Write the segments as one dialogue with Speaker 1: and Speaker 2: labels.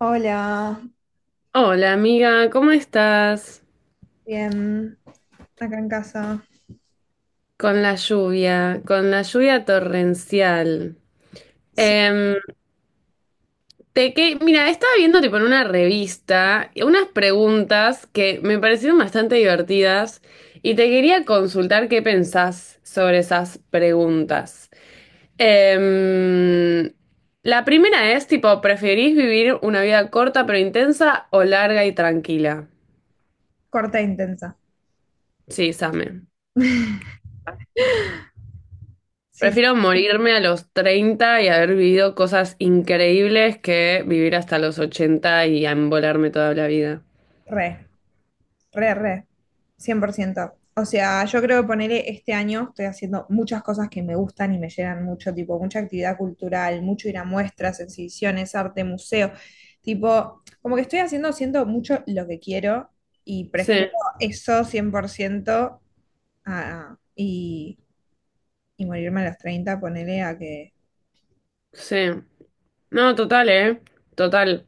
Speaker 1: Hola,
Speaker 2: Hola amiga, ¿cómo estás?
Speaker 1: bien, acá en casa.
Speaker 2: Con la lluvia torrencial.
Speaker 1: Sí,
Speaker 2: Em, mira, estaba viendo tipo en una revista unas preguntas que me parecieron bastante divertidas y te quería consultar qué pensás sobre esas preguntas. Em, la primera es tipo, ¿preferís vivir una vida corta pero intensa o larga y tranquila?
Speaker 1: corta e intensa.
Speaker 2: Sí, Same.
Speaker 1: Sí, sí,
Speaker 2: Prefiero morirme a los 30 y haber vivido cosas increíbles que vivir hasta los 80 y embolarme toda la vida.
Speaker 1: re, re, re, cien por ciento. O sea, yo creo que ponerle este año estoy haciendo muchas cosas que me gustan y me llenan mucho, tipo mucha actividad cultural, mucho ir a muestras, exhibiciones, arte, museo. Tipo, como que estoy haciendo, siento mucho lo que quiero y
Speaker 2: Sí,
Speaker 1: prefiero eso 100% a, y morirme a los 30 ponerle a que.
Speaker 2: sí. No, total, ¿eh? Total.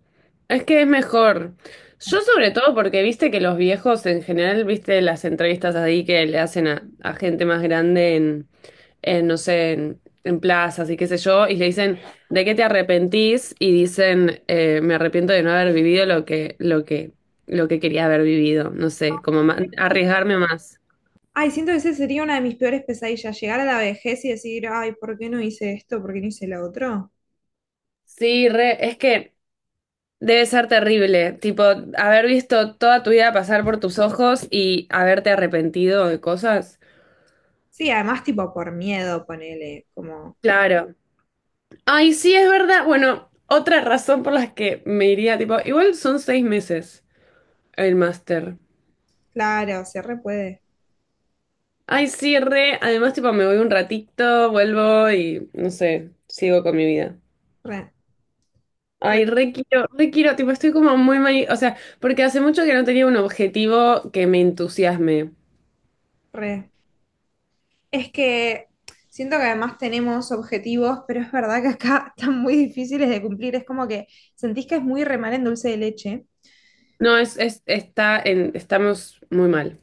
Speaker 2: Es que es mejor. Yo sobre todo porque viste que los viejos en general, viste las entrevistas ahí que le hacen a gente más grande en, no sé, en plazas y qué sé yo, y le dicen, ¿de qué te arrepentís? Y dicen, me arrepiento de no haber vivido lo que quería haber vivido, no sé, como arriesgarme más.
Speaker 1: Ay, siento que ese sería una de mis peores pesadillas, llegar a la vejez y decir, ay, ¿por qué no hice esto? ¿Por qué no hice lo otro?
Speaker 2: Sí, re, es que debe ser terrible, tipo, haber visto toda tu vida pasar por tus ojos y haberte arrepentido de cosas.
Speaker 1: Sí, además tipo por miedo, ponele, como,
Speaker 2: Claro. Ay, sí, es verdad. Bueno, otra razón por las que me iría, tipo, igual son 6 meses el máster.
Speaker 1: claro, se re puede,
Speaker 2: Ay, sí, re. Además, tipo, me voy un ratito, vuelvo y, no sé, sigo con mi vida.
Speaker 1: re, re,
Speaker 2: Ay, re quiero, tipo, estoy como muy mal, o sea, porque hace mucho que no tenía un objetivo que me entusiasme.
Speaker 1: re. Es que siento que además tenemos objetivos, pero es verdad que acá están muy difíciles de cumplir, es como que sentís que es muy remar en dulce de leche.
Speaker 2: No, estamos muy mal.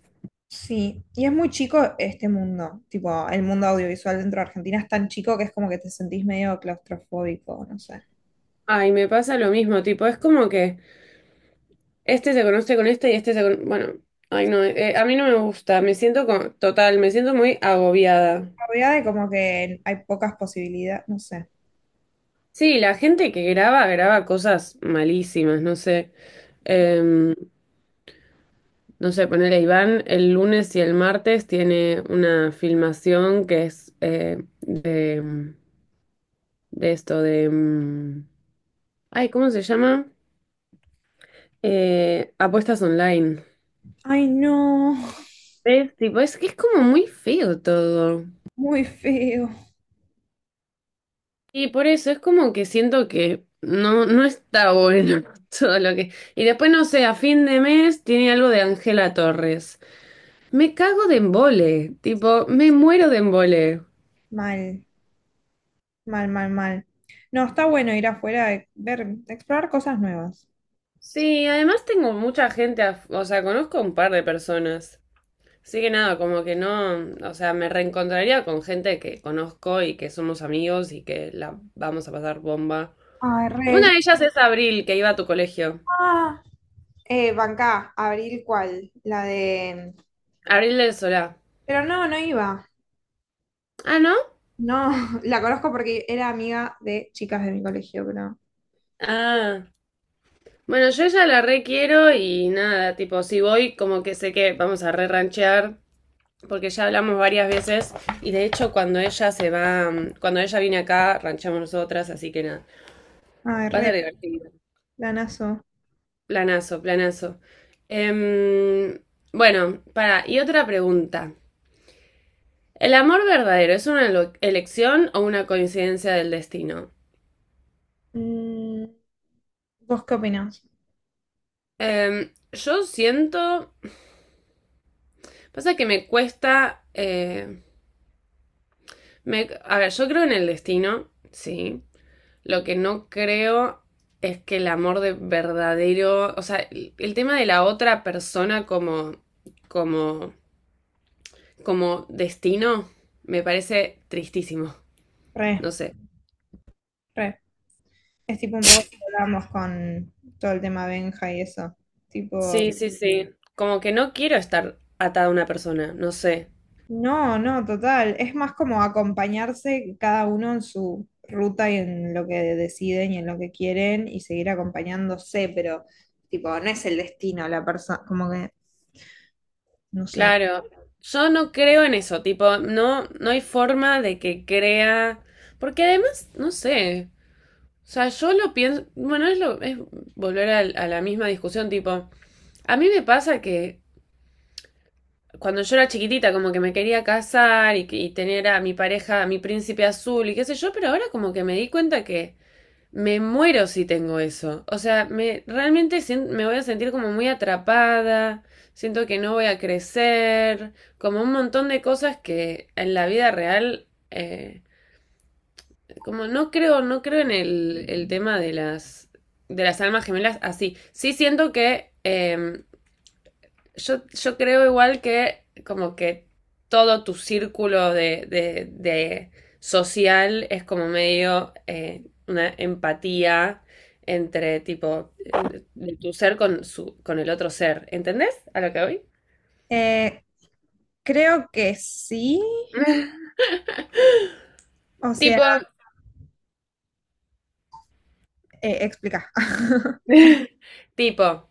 Speaker 1: Sí, y es muy chico este mundo, tipo, el mundo audiovisual dentro de Argentina es tan chico que es como que te sentís medio claustrofóbico, no sé.
Speaker 2: Ay, me pasa lo mismo, tipo, es como que este se conoce con este y este se conoce... Bueno, ay no, a mí no me gusta, total, me siento muy agobiada.
Speaker 1: Había de como que hay pocas posibilidades, no sé.
Speaker 2: Sí, la gente que graba, graba cosas malísimas, no sé. Em, no sé, ponerle Iván, el lunes y el martes tiene una filmación que es de esto, de... ay, ¿cómo se llama? Apuestas online.
Speaker 1: Ay, no,
Speaker 2: Es tipo, es que es como muy feo todo.
Speaker 1: muy feo.
Speaker 2: Y por eso es como que siento que no está bueno todo lo que... Y después, no sé, a fin de mes tiene algo de Ángela Torres. Me cago de embole, tipo, me muero de embole.
Speaker 1: Mal, mal, mal, mal. No, está bueno ir afuera, ver, explorar cosas nuevas.
Speaker 2: Sí, además tengo mucha gente, o sea, conozco un par de personas. Así que nada, como que no, o sea, me reencontraría con gente que conozco y que somos amigos y que la vamos a pasar bomba.
Speaker 1: Ay,
Speaker 2: Una
Speaker 1: re.
Speaker 2: de ellas es Abril, que iba a tu colegio.
Speaker 1: Ah, bancá, Abril, ¿cuál? La de...
Speaker 2: Abril del Solá.
Speaker 1: Pero no, no iba.
Speaker 2: Ah, ¿no?
Speaker 1: No, la conozco porque era amiga de chicas de mi colegio, pero...
Speaker 2: Ah. Bueno, yo ella la re quiero y nada, tipo, si voy, como que sé que vamos a re ranchear, porque ya hablamos varias veces y de hecho cuando ella se va, cuando ella viene acá, ranchamos nosotras, así que nada,
Speaker 1: Ay,
Speaker 2: va a ser
Speaker 1: re,
Speaker 2: divertido.
Speaker 1: lanazo.
Speaker 2: Planazo, planazo. Em, bueno, para, y otra pregunta. ¿El amor verdadero es una elección o una coincidencia del destino?
Speaker 1: Mm, ¿vos qué opinás?
Speaker 2: Yo siento, pasa que me cuesta, a ver, yo creo en el destino, sí. Lo que no creo es que el amor de verdadero, o sea, el tema de la otra persona como, como, como destino me parece tristísimo,
Speaker 1: Re,
Speaker 2: no sé.
Speaker 1: re. Es tipo un poco lo que hablábamos con todo el tema Benja y eso.
Speaker 2: Sí,
Speaker 1: Tipo,
Speaker 2: sí, sí. Como que no quiero estar atada a una persona, no sé.
Speaker 1: no, no, total. Es más como acompañarse cada uno en su ruta y en lo que deciden y en lo que quieren y seguir acompañándose, pero tipo, no es el destino la persona, como que, no sé.
Speaker 2: Claro, yo no creo en eso, tipo, no hay forma de que crea, porque además, no sé, o sea, yo lo pienso, bueno, es volver a la misma discusión, tipo, a mí me pasa que cuando yo era chiquitita, como que me quería casar y tener a mi pareja, a mi príncipe azul y qué sé yo, pero ahora como que me di cuenta que me muero si tengo eso. O sea, realmente me voy a sentir como muy atrapada, siento que no voy a crecer, como un montón de cosas que en la vida real, como no creo, no creo en el tema de de las almas gemelas así. Sí siento que... yo creo igual que como que todo tu círculo de social es como medio una empatía entre tipo de tu ser con su con el otro ser. ¿Entendés a lo que voy?
Speaker 1: Eh, Creo que sí. O sea,
Speaker 2: Tipo,
Speaker 1: explica.
Speaker 2: tipo,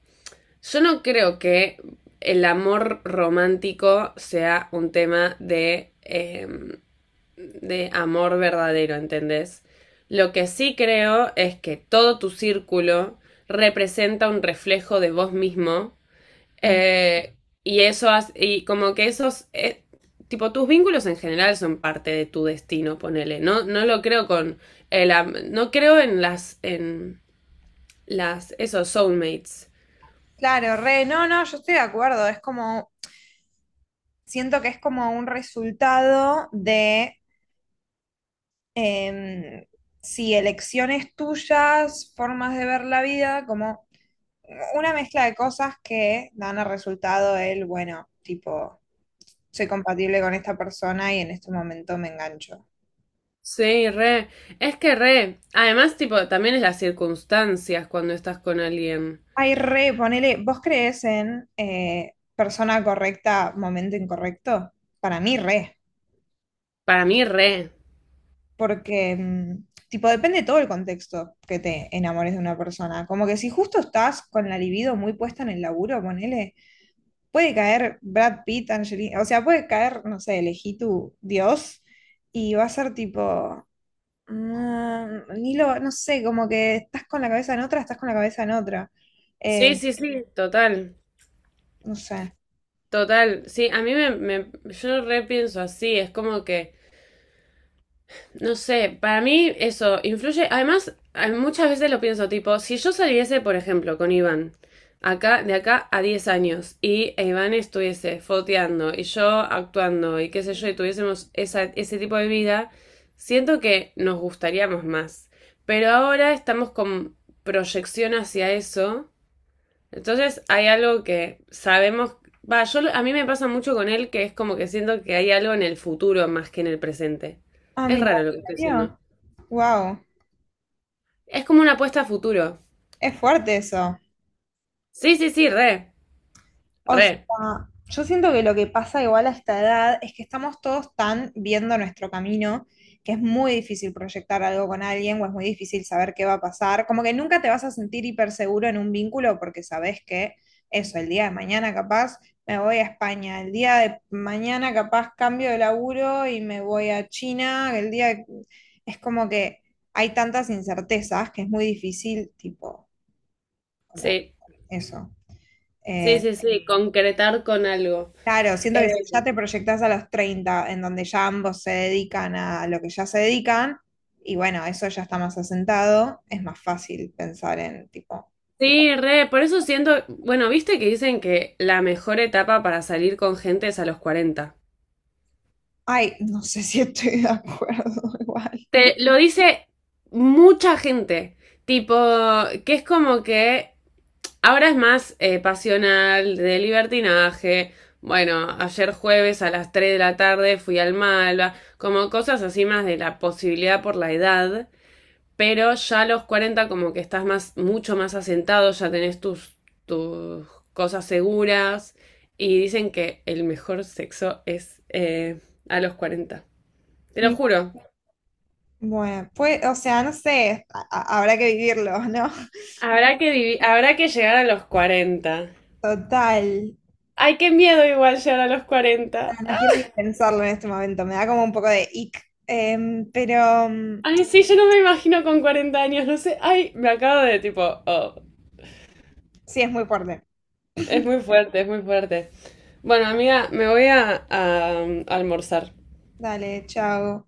Speaker 2: yo no creo que el amor romántico sea un tema de amor verdadero, ¿entendés? Lo que sí creo es que todo tu círculo representa un reflejo de vos mismo
Speaker 1: Mm.
Speaker 2: eh, y eso y como que esos tipo tus vínculos en general son parte de tu destino, ponele. No lo creo con el no creo en las esos soulmates.
Speaker 1: Claro, re, no, no, yo estoy de acuerdo. Es como, siento que es como un resultado de em, sí, elecciones tuyas, formas de ver la vida, como una mezcla de cosas que dan al resultado el, bueno, tipo, soy compatible con esta persona y en este momento me engancho.
Speaker 2: Sí, re. Es que re. Además, tipo, también es las circunstancias cuando estás con alguien.
Speaker 1: Ay, re, ponele, ¿vos crees en persona correcta, momento incorrecto? Para mí, re,
Speaker 2: Para mí, re.
Speaker 1: porque, tipo, depende todo el contexto que te enamores de una persona. Como que si justo estás con la libido muy puesta en el laburo, ponele. Puede caer Brad Pitt, Angelina, o sea, puede caer, no sé, elegí tu Dios y va a ser tipo, ni lo, no sé, como que estás con la cabeza en otra, estás con la cabeza en otra.
Speaker 2: Sí,
Speaker 1: Eh,
Speaker 2: sí, sí, total,
Speaker 1: no sé.
Speaker 2: total. Sí, a mí yo repienso así, es como que, no sé, para mí eso influye, además, muchas veces lo pienso, tipo, si yo saliese, por ejemplo, con Iván, acá, de acá a 10 años, y Iván estuviese foteando y yo actuando y qué sé yo, y tuviésemos ese tipo de vida, siento que nos gustaríamos más. Pero ahora estamos con proyección hacia eso. Entonces hay algo que sabemos, va, yo a mí me pasa mucho con él que es como que siento que hay algo en el futuro más que en el presente.
Speaker 1: Ah,
Speaker 2: Es
Speaker 1: mira,
Speaker 2: raro lo que
Speaker 1: ¿en
Speaker 2: estoy diciendo.
Speaker 1: serio? Wow,
Speaker 2: Es como una apuesta a futuro.
Speaker 1: es fuerte eso.
Speaker 2: Sí, sí, sí, re,
Speaker 1: O
Speaker 2: re.
Speaker 1: sea, yo siento que lo que pasa igual a esta edad es que estamos todos tan viendo nuestro camino que es muy difícil proyectar algo con alguien o es muy difícil saber qué va a pasar. Como que nunca te vas a sentir hiper seguro en un vínculo porque sabes que eso, el día de mañana capaz me voy a España, el día de mañana capaz cambio de laburo y me voy a China, es como que hay tantas incertezas que es muy difícil, tipo, como
Speaker 2: Sí,
Speaker 1: eso.
Speaker 2: sí,
Speaker 1: Eh,
Speaker 2: sí, sí, concretar con algo.
Speaker 1: Claro, siento
Speaker 2: Eh,
Speaker 1: que si ya te proyectás a los 30, en donde ya ambos se dedican a lo que ya se dedican, y bueno, eso ya está más asentado, es más fácil pensar en tipo,
Speaker 2: sí, re, por eso siento, bueno, viste que dicen que la mejor etapa para salir con gente es a los 40.
Speaker 1: ay, no sé si estoy de acuerdo igual.
Speaker 2: Te lo dice mucha gente, tipo, que es como que ahora es más pasional, de libertinaje. Bueno, ayer jueves a las 3 de la tarde fui al Malva, como cosas así más de la posibilidad por la edad, pero ya a los 40 como que estás más, mucho más asentado, ya tenés tus cosas seguras y dicen que el mejor sexo es a los 40. Te lo
Speaker 1: Mi-
Speaker 2: juro,
Speaker 1: Bueno, pues, o sea, no sé, habrá que vivirlo, ¿no?
Speaker 2: habrá que llegar a los 40.
Speaker 1: Total.
Speaker 2: Ay, qué miedo igual llegar a los 40.
Speaker 1: No quiero ni pensarlo en este momento, me da como un poco de ick, pero
Speaker 2: Ay, sí, yo no me imagino con 40 años, no sé. Ay, me acabo de tipo, oh,
Speaker 1: sí es muy fuerte.
Speaker 2: es muy fuerte, es muy fuerte. Bueno, amiga, me voy almorzar.
Speaker 1: Dale, chao.